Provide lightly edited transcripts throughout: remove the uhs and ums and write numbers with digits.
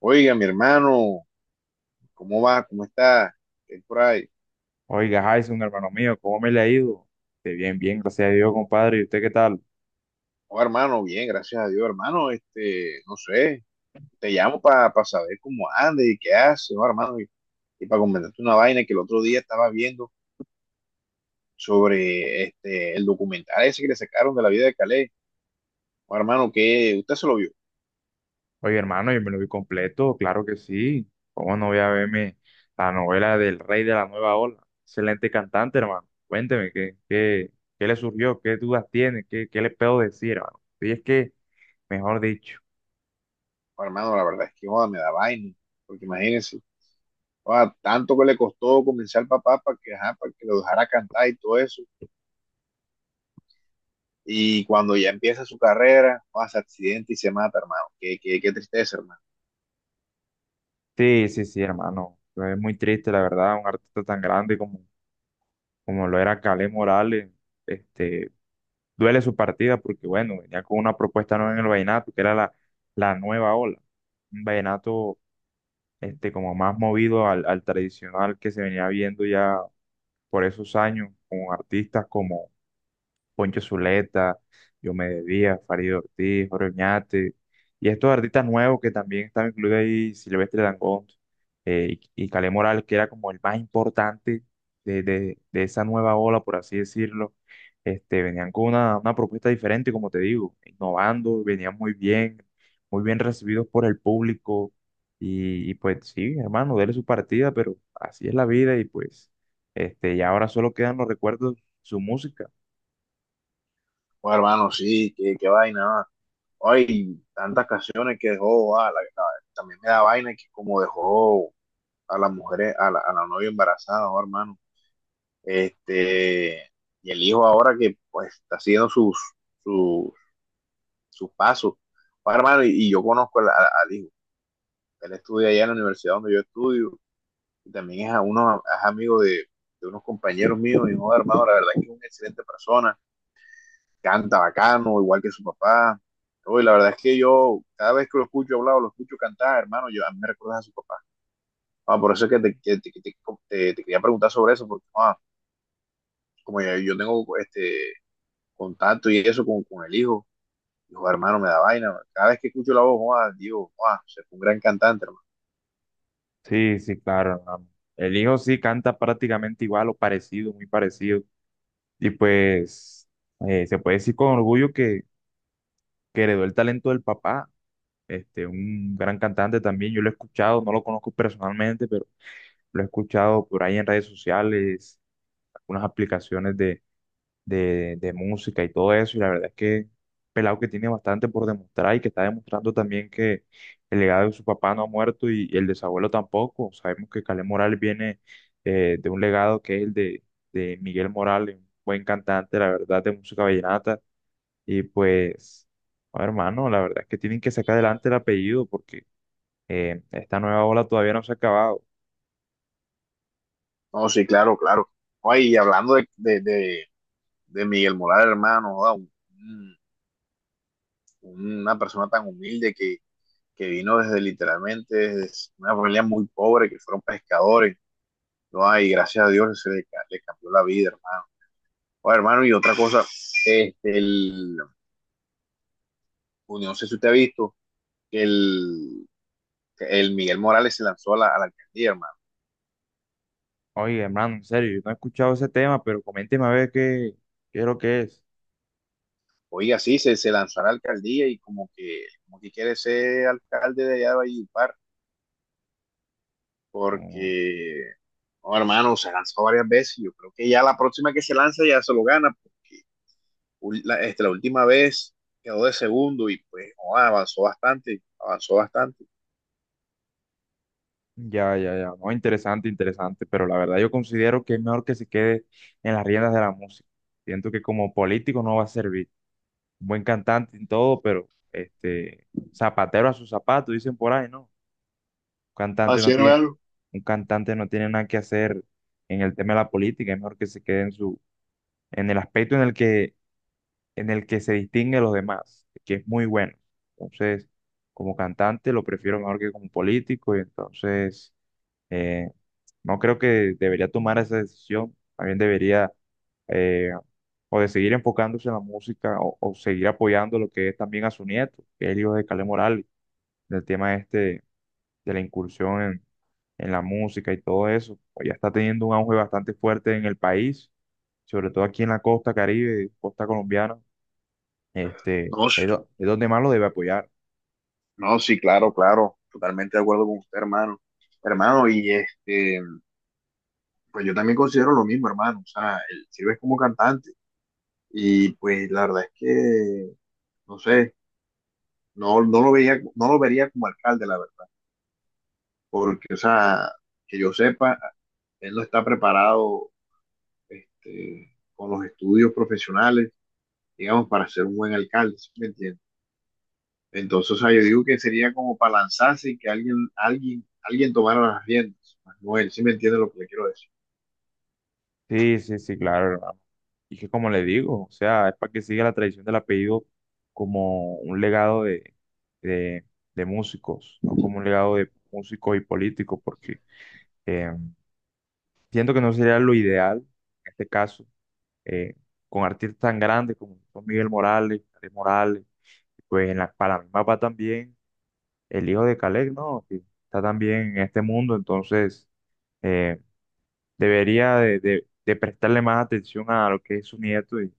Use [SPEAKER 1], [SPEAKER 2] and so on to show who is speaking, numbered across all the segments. [SPEAKER 1] Oiga, mi hermano, ¿cómo va? ¿Cómo está? ¿Qué hay por ahí?
[SPEAKER 2] Oiga, Jason, hermano mío, ¿cómo me le ha ido? De bien, bien, gracias a Dios, compadre. ¿Y usted qué tal?
[SPEAKER 1] Oh, hermano, bien, gracias a Dios, hermano. No sé, te llamo para saber cómo andas y qué haces, oh, hermano, y para comentarte una vaina que el otro día estaba viendo sobre el documental ese que le sacaron de la vida de Calais. Oh, hermano, que usted se lo vio.
[SPEAKER 2] Oye, hermano, yo me lo vi completo, claro que sí. ¿Cómo no voy a verme la novela del Rey de la Nueva Ola? Excelente cantante, hermano. Cuénteme, ¿qué le surgió? ¿Qué dudas tiene? ¿Qué le puedo decir, hermano? Y es que, mejor dicho.
[SPEAKER 1] Oh, hermano, la verdad es que joda, me da vaina, porque imagínense, joda, tanto que le costó convencer al papá para que, ajá, para que lo dejara cantar y todo eso. Y cuando ya empieza su carrera, hace accidente y se mata, hermano. Qué tristeza, hermano.
[SPEAKER 2] Sí, sí, sí, hermano. Es muy triste, la verdad, un artista tan grande como lo era Kaleth Morales. Este, Duele su partida porque, bueno, venía con una propuesta nueva en el vallenato, que era la nueva ola. Un vallenato como más movido al tradicional que se venía viendo ya por esos años, con artistas como Poncho Zuleta, Diomedes Díaz, Farid Ortiz, Jorge Oñate, y estos artistas nuevos que también estaban incluidos ahí, Silvestre Dangond y Kaleth Morales, que era como el más importante de esa nueva ola, por así decirlo, venían con una propuesta diferente, como te digo, innovando, venían muy bien recibidos por el público, y pues sí, hermano, dele su partida, pero así es la vida, y pues y ahora solo quedan los recuerdos, su música.
[SPEAKER 1] Pues, hermano, sí, qué vaina. Ah. Ay, tantas canciones que dejó. También me da vaina que como dejó a las mujeres, a la novia embarazada, oh, hermano. Este, y el hijo ahora que pues está haciendo sus, sus pasos. Oh, hermano, y yo conozco al hijo. Él estudia allá en la universidad donde yo estudio. Y también es a uno, es amigo de unos compañeros míos, y hijo hermano, la verdad es que es una excelente persona, canta bacano, igual que su papá. Uy, la verdad es que yo, cada vez que lo escucho hablar o lo escucho cantar, hermano, yo, a mí me recuerdas a su papá. Ah, por eso es que te quería preguntar sobre eso, porque yo tengo contacto y eso con el hijo, hijo hermano, me da vaina. Cada vez que escucho la voz, ah, digo, ah, se fue un gran cantante, hermano.
[SPEAKER 2] Sí, sí, claro. No. El hijo sí canta prácticamente igual o parecido, muy parecido. Y pues se puede decir con orgullo que heredó el talento del papá, un gran cantante también. Yo lo he escuchado, no lo conozco personalmente, pero lo he escuchado por ahí en redes sociales, algunas aplicaciones de música y todo eso. Y la verdad es que pelado que tiene bastante por demostrar y que está demostrando también que el legado de su papá no ha muerto y el de su abuelo tampoco. Sabemos que Kaleth Morales viene de un legado que es el de Miguel Morales, un buen cantante, la verdad, de música vallenata. Y pues, no, hermano, la verdad es que tienen que sacar adelante el apellido porque esta nueva ola todavía no se ha acabado.
[SPEAKER 1] No, sí, claro, claro. Ay, y hablando de Miguel Morales, hermano, joda, una persona tan humilde que vino desde literalmente desde una familia muy pobre, que fueron pescadores, ¿no? Y gracias a Dios se le, le cambió la vida, hermano. Oye, hermano, y otra cosa, este, el, no sé si usted ha visto que el Miguel Morales se lanzó a a la alcaldía, hermano.
[SPEAKER 2] Oye, hermano, en serio, yo no he escuchado ese tema, pero coménteme a ver qué es lo que es.
[SPEAKER 1] Oiga, sí, se lanzó a la alcaldía y como que quiere ser alcalde de allá de Valledupar
[SPEAKER 2] Mm.
[SPEAKER 1] porque, no, hermano, se lanzó varias veces. Yo creo que ya la próxima que se lanza ya se lo gana, porque la última vez quedó de segundo y pues no, avanzó bastante, avanzó bastante.
[SPEAKER 2] Ya, ya, ya. No, interesante, interesante, pero la verdad yo considero que es mejor que se quede en las riendas de la música. Siento que como político no va a servir. Un buen cantante en todo, pero zapatero a su zapato, dicen por ahí, ¿no? Un cantante
[SPEAKER 1] Así,
[SPEAKER 2] no tiene,
[SPEAKER 1] hermano.
[SPEAKER 2] un cantante no tiene nada que hacer en el tema de la política, es mejor que se quede en su, en el aspecto en el que se distingue de los demás, que es muy bueno. Entonces, como cantante lo prefiero mejor que como político, y entonces eh, no creo que debería tomar esa decisión, también debería eh, o de seguir enfocándose en la música o seguir apoyando lo que es también a su nieto, que es el hijo de Calé Morales, del tema de la incursión en la música y todo eso. Pues ya está teniendo un auge bastante fuerte en el país, sobre todo aquí en la costa Caribe, costa colombiana,
[SPEAKER 1] No, s-
[SPEAKER 2] es, do- es donde más lo debe apoyar.
[SPEAKER 1] no, sí, claro, claro, totalmente de acuerdo con usted, hermano. Hermano, y este, pues yo también considero lo mismo, hermano. O sea, él sirve como cantante y pues la verdad es que no sé, no lo veía, no lo vería como alcalde, la verdad. Porque, o sea, que yo sepa, él no está preparado con los estudios profesionales, digamos, para ser un buen alcalde, ¿sí me entiendes? Entonces, o sea, yo digo que sería como para lanzarse y que alguien tomara las riendas, Manuel, ¿sí me entiendes lo que le quiero decir?
[SPEAKER 2] Sí, sí, sí, claro, hermano. Y que como le digo, o sea, es para que siga la tradición del apellido como un legado de, de músicos, no como un legado de músicos y políticos, porque eh, siento que no sería lo ideal, en este caso, eh, con artistas tan grandes como son Miguel Morales, Calais Morales, pues en la, para mí va también el hijo de Calais, ¿no? Que está también en este mundo, entonces... eh, debería de prestarle más atención a lo que es su nieto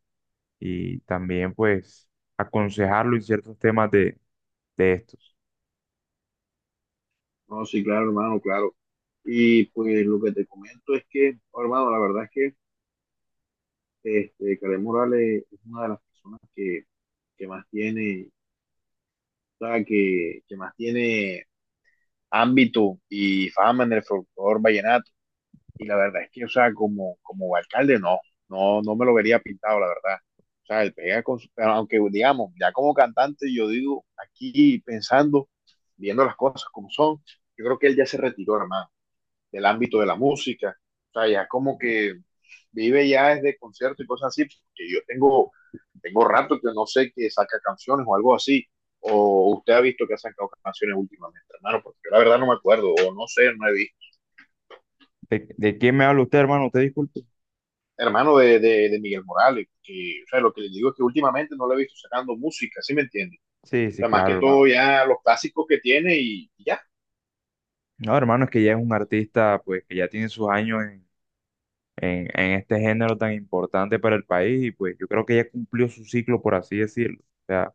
[SPEAKER 2] y también pues aconsejarlo en ciertos temas de estos.
[SPEAKER 1] No, sí, claro, hermano, claro. Y pues lo que te comento es que, oh, hermano, la verdad es que Karen Morales es una de las personas que más tiene, o sea, que más tiene ámbito y fama en el folclore vallenato. Y la verdad es que, o sea, como, como alcalde, no me lo vería pintado, la verdad. O sea, él pega con su, pero aunque digamos, ya como cantante, yo digo, aquí pensando, viendo las cosas como son, yo creo que él ya se retiró, hermano, del ámbito de la música. O sea, ya como que vive ya desde conciertos y cosas así, porque yo tengo, tengo rato que no sé que saca canciones o algo así. O usted ha visto que ha sacado canciones últimamente, hermano, porque yo la verdad no me acuerdo, o no sé, no he visto.
[SPEAKER 2] De quién me habla usted, hermano? ¿Usted disculpe?
[SPEAKER 1] Hermano de Miguel Morales, que, o sea, lo que les digo es que últimamente no lo he visto sacando música, ¿sí me entiende?
[SPEAKER 2] Sí,
[SPEAKER 1] O
[SPEAKER 2] sí,
[SPEAKER 1] sea, más que
[SPEAKER 2] claro,
[SPEAKER 1] todo
[SPEAKER 2] hermano.
[SPEAKER 1] ya los clásicos que tiene y ya.
[SPEAKER 2] No, hermano, es que ya es un artista pues que ya tiene sus años en este género tan importante para el país y pues yo creo que ya cumplió su ciclo, por así decirlo. O sea,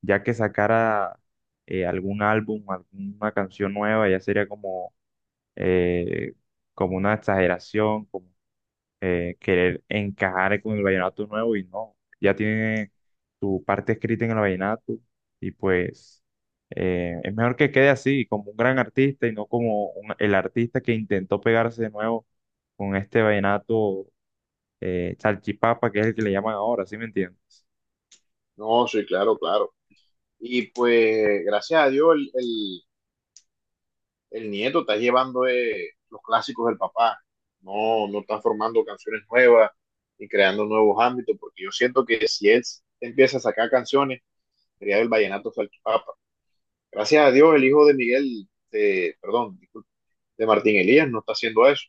[SPEAKER 2] ya que sacara algún álbum, alguna canción nueva, ya sería como... eh, como una exageración, querer encajar con el vallenato nuevo y no, ya tiene su parte escrita en el vallenato y pues es mejor que quede así, como un gran artista y no como un- el artista que intentó pegarse de nuevo con este vallenato salchipapa, que es el que le llaman ahora, ¿sí me entiendes?
[SPEAKER 1] No, sí, claro, claro. Y pues, gracias a Dios, el nieto está llevando los clásicos del papá, no, no está formando canciones nuevas y creando nuevos ámbitos, porque yo siento que si él empieza a sacar canciones, sería el vallenato salchipapa. Gracias a Dios, el hijo de Miguel, de, perdón, disculpe, de Martín Elías no está haciendo eso.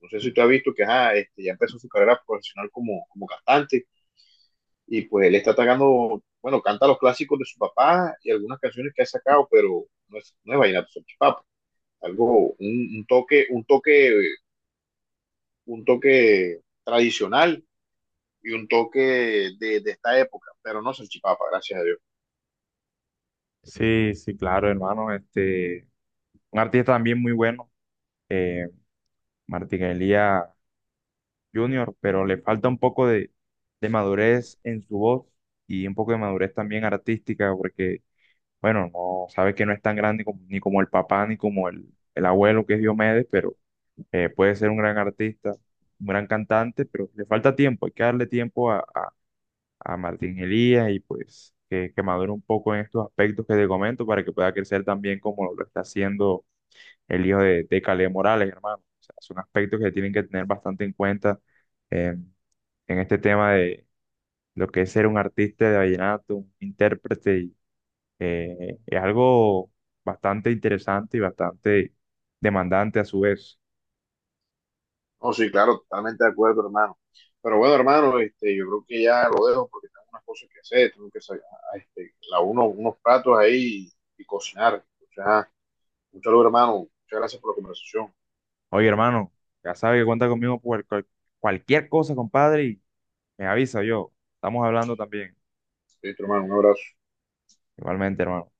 [SPEAKER 1] No sé si tú has visto que ajá, ya empezó su carrera profesional como, como cantante y pues él está atacando, bueno, canta los clásicos de su papá y algunas canciones que ha sacado, pero no es vallenato salchipapa. Algo, un toque, un toque tradicional y un toque de esta época, pero no salchipapa, gracias a Dios.
[SPEAKER 2] Sí, sí, claro, hermano, un artista también muy bueno, eh, Martín Elías Junior, pero le falta un poco de madurez en su voz y un poco de madurez también artística, porque, bueno, no sabe que no es tan grande como- ni como el papá ni como el abuelo que es Diomedes, pero puede ser un gran artista, un gran cantante, pero le falta tiempo, hay que darle tiempo a Martín Elías y pues que madure un poco en estos aspectos que te comento para que pueda crecer también como lo está haciendo el hijo de Caleb Morales, hermano. O sea, son aspectos que tienen que tener bastante en cuenta eh, en este tema de lo que es ser un artista de vallenato, un intérprete. Y, es algo bastante interesante y bastante demandante a su vez.
[SPEAKER 1] No, sí, claro, totalmente de acuerdo, hermano. Pero bueno, hermano, este, yo creo que ya lo dejo porque tengo unas cosas que hacer, tengo que sacar la uno, unos platos ahí y cocinar. O sea, un saludo, hermano. Muchas gracias por la conversación.
[SPEAKER 2] Oye, hermano, ya sabe que cuenta conmigo por cual- cualquier cosa, compadre, y me avisa yo. Estamos hablando también.
[SPEAKER 1] Listo, hermano, un abrazo.
[SPEAKER 2] Igualmente, hermano.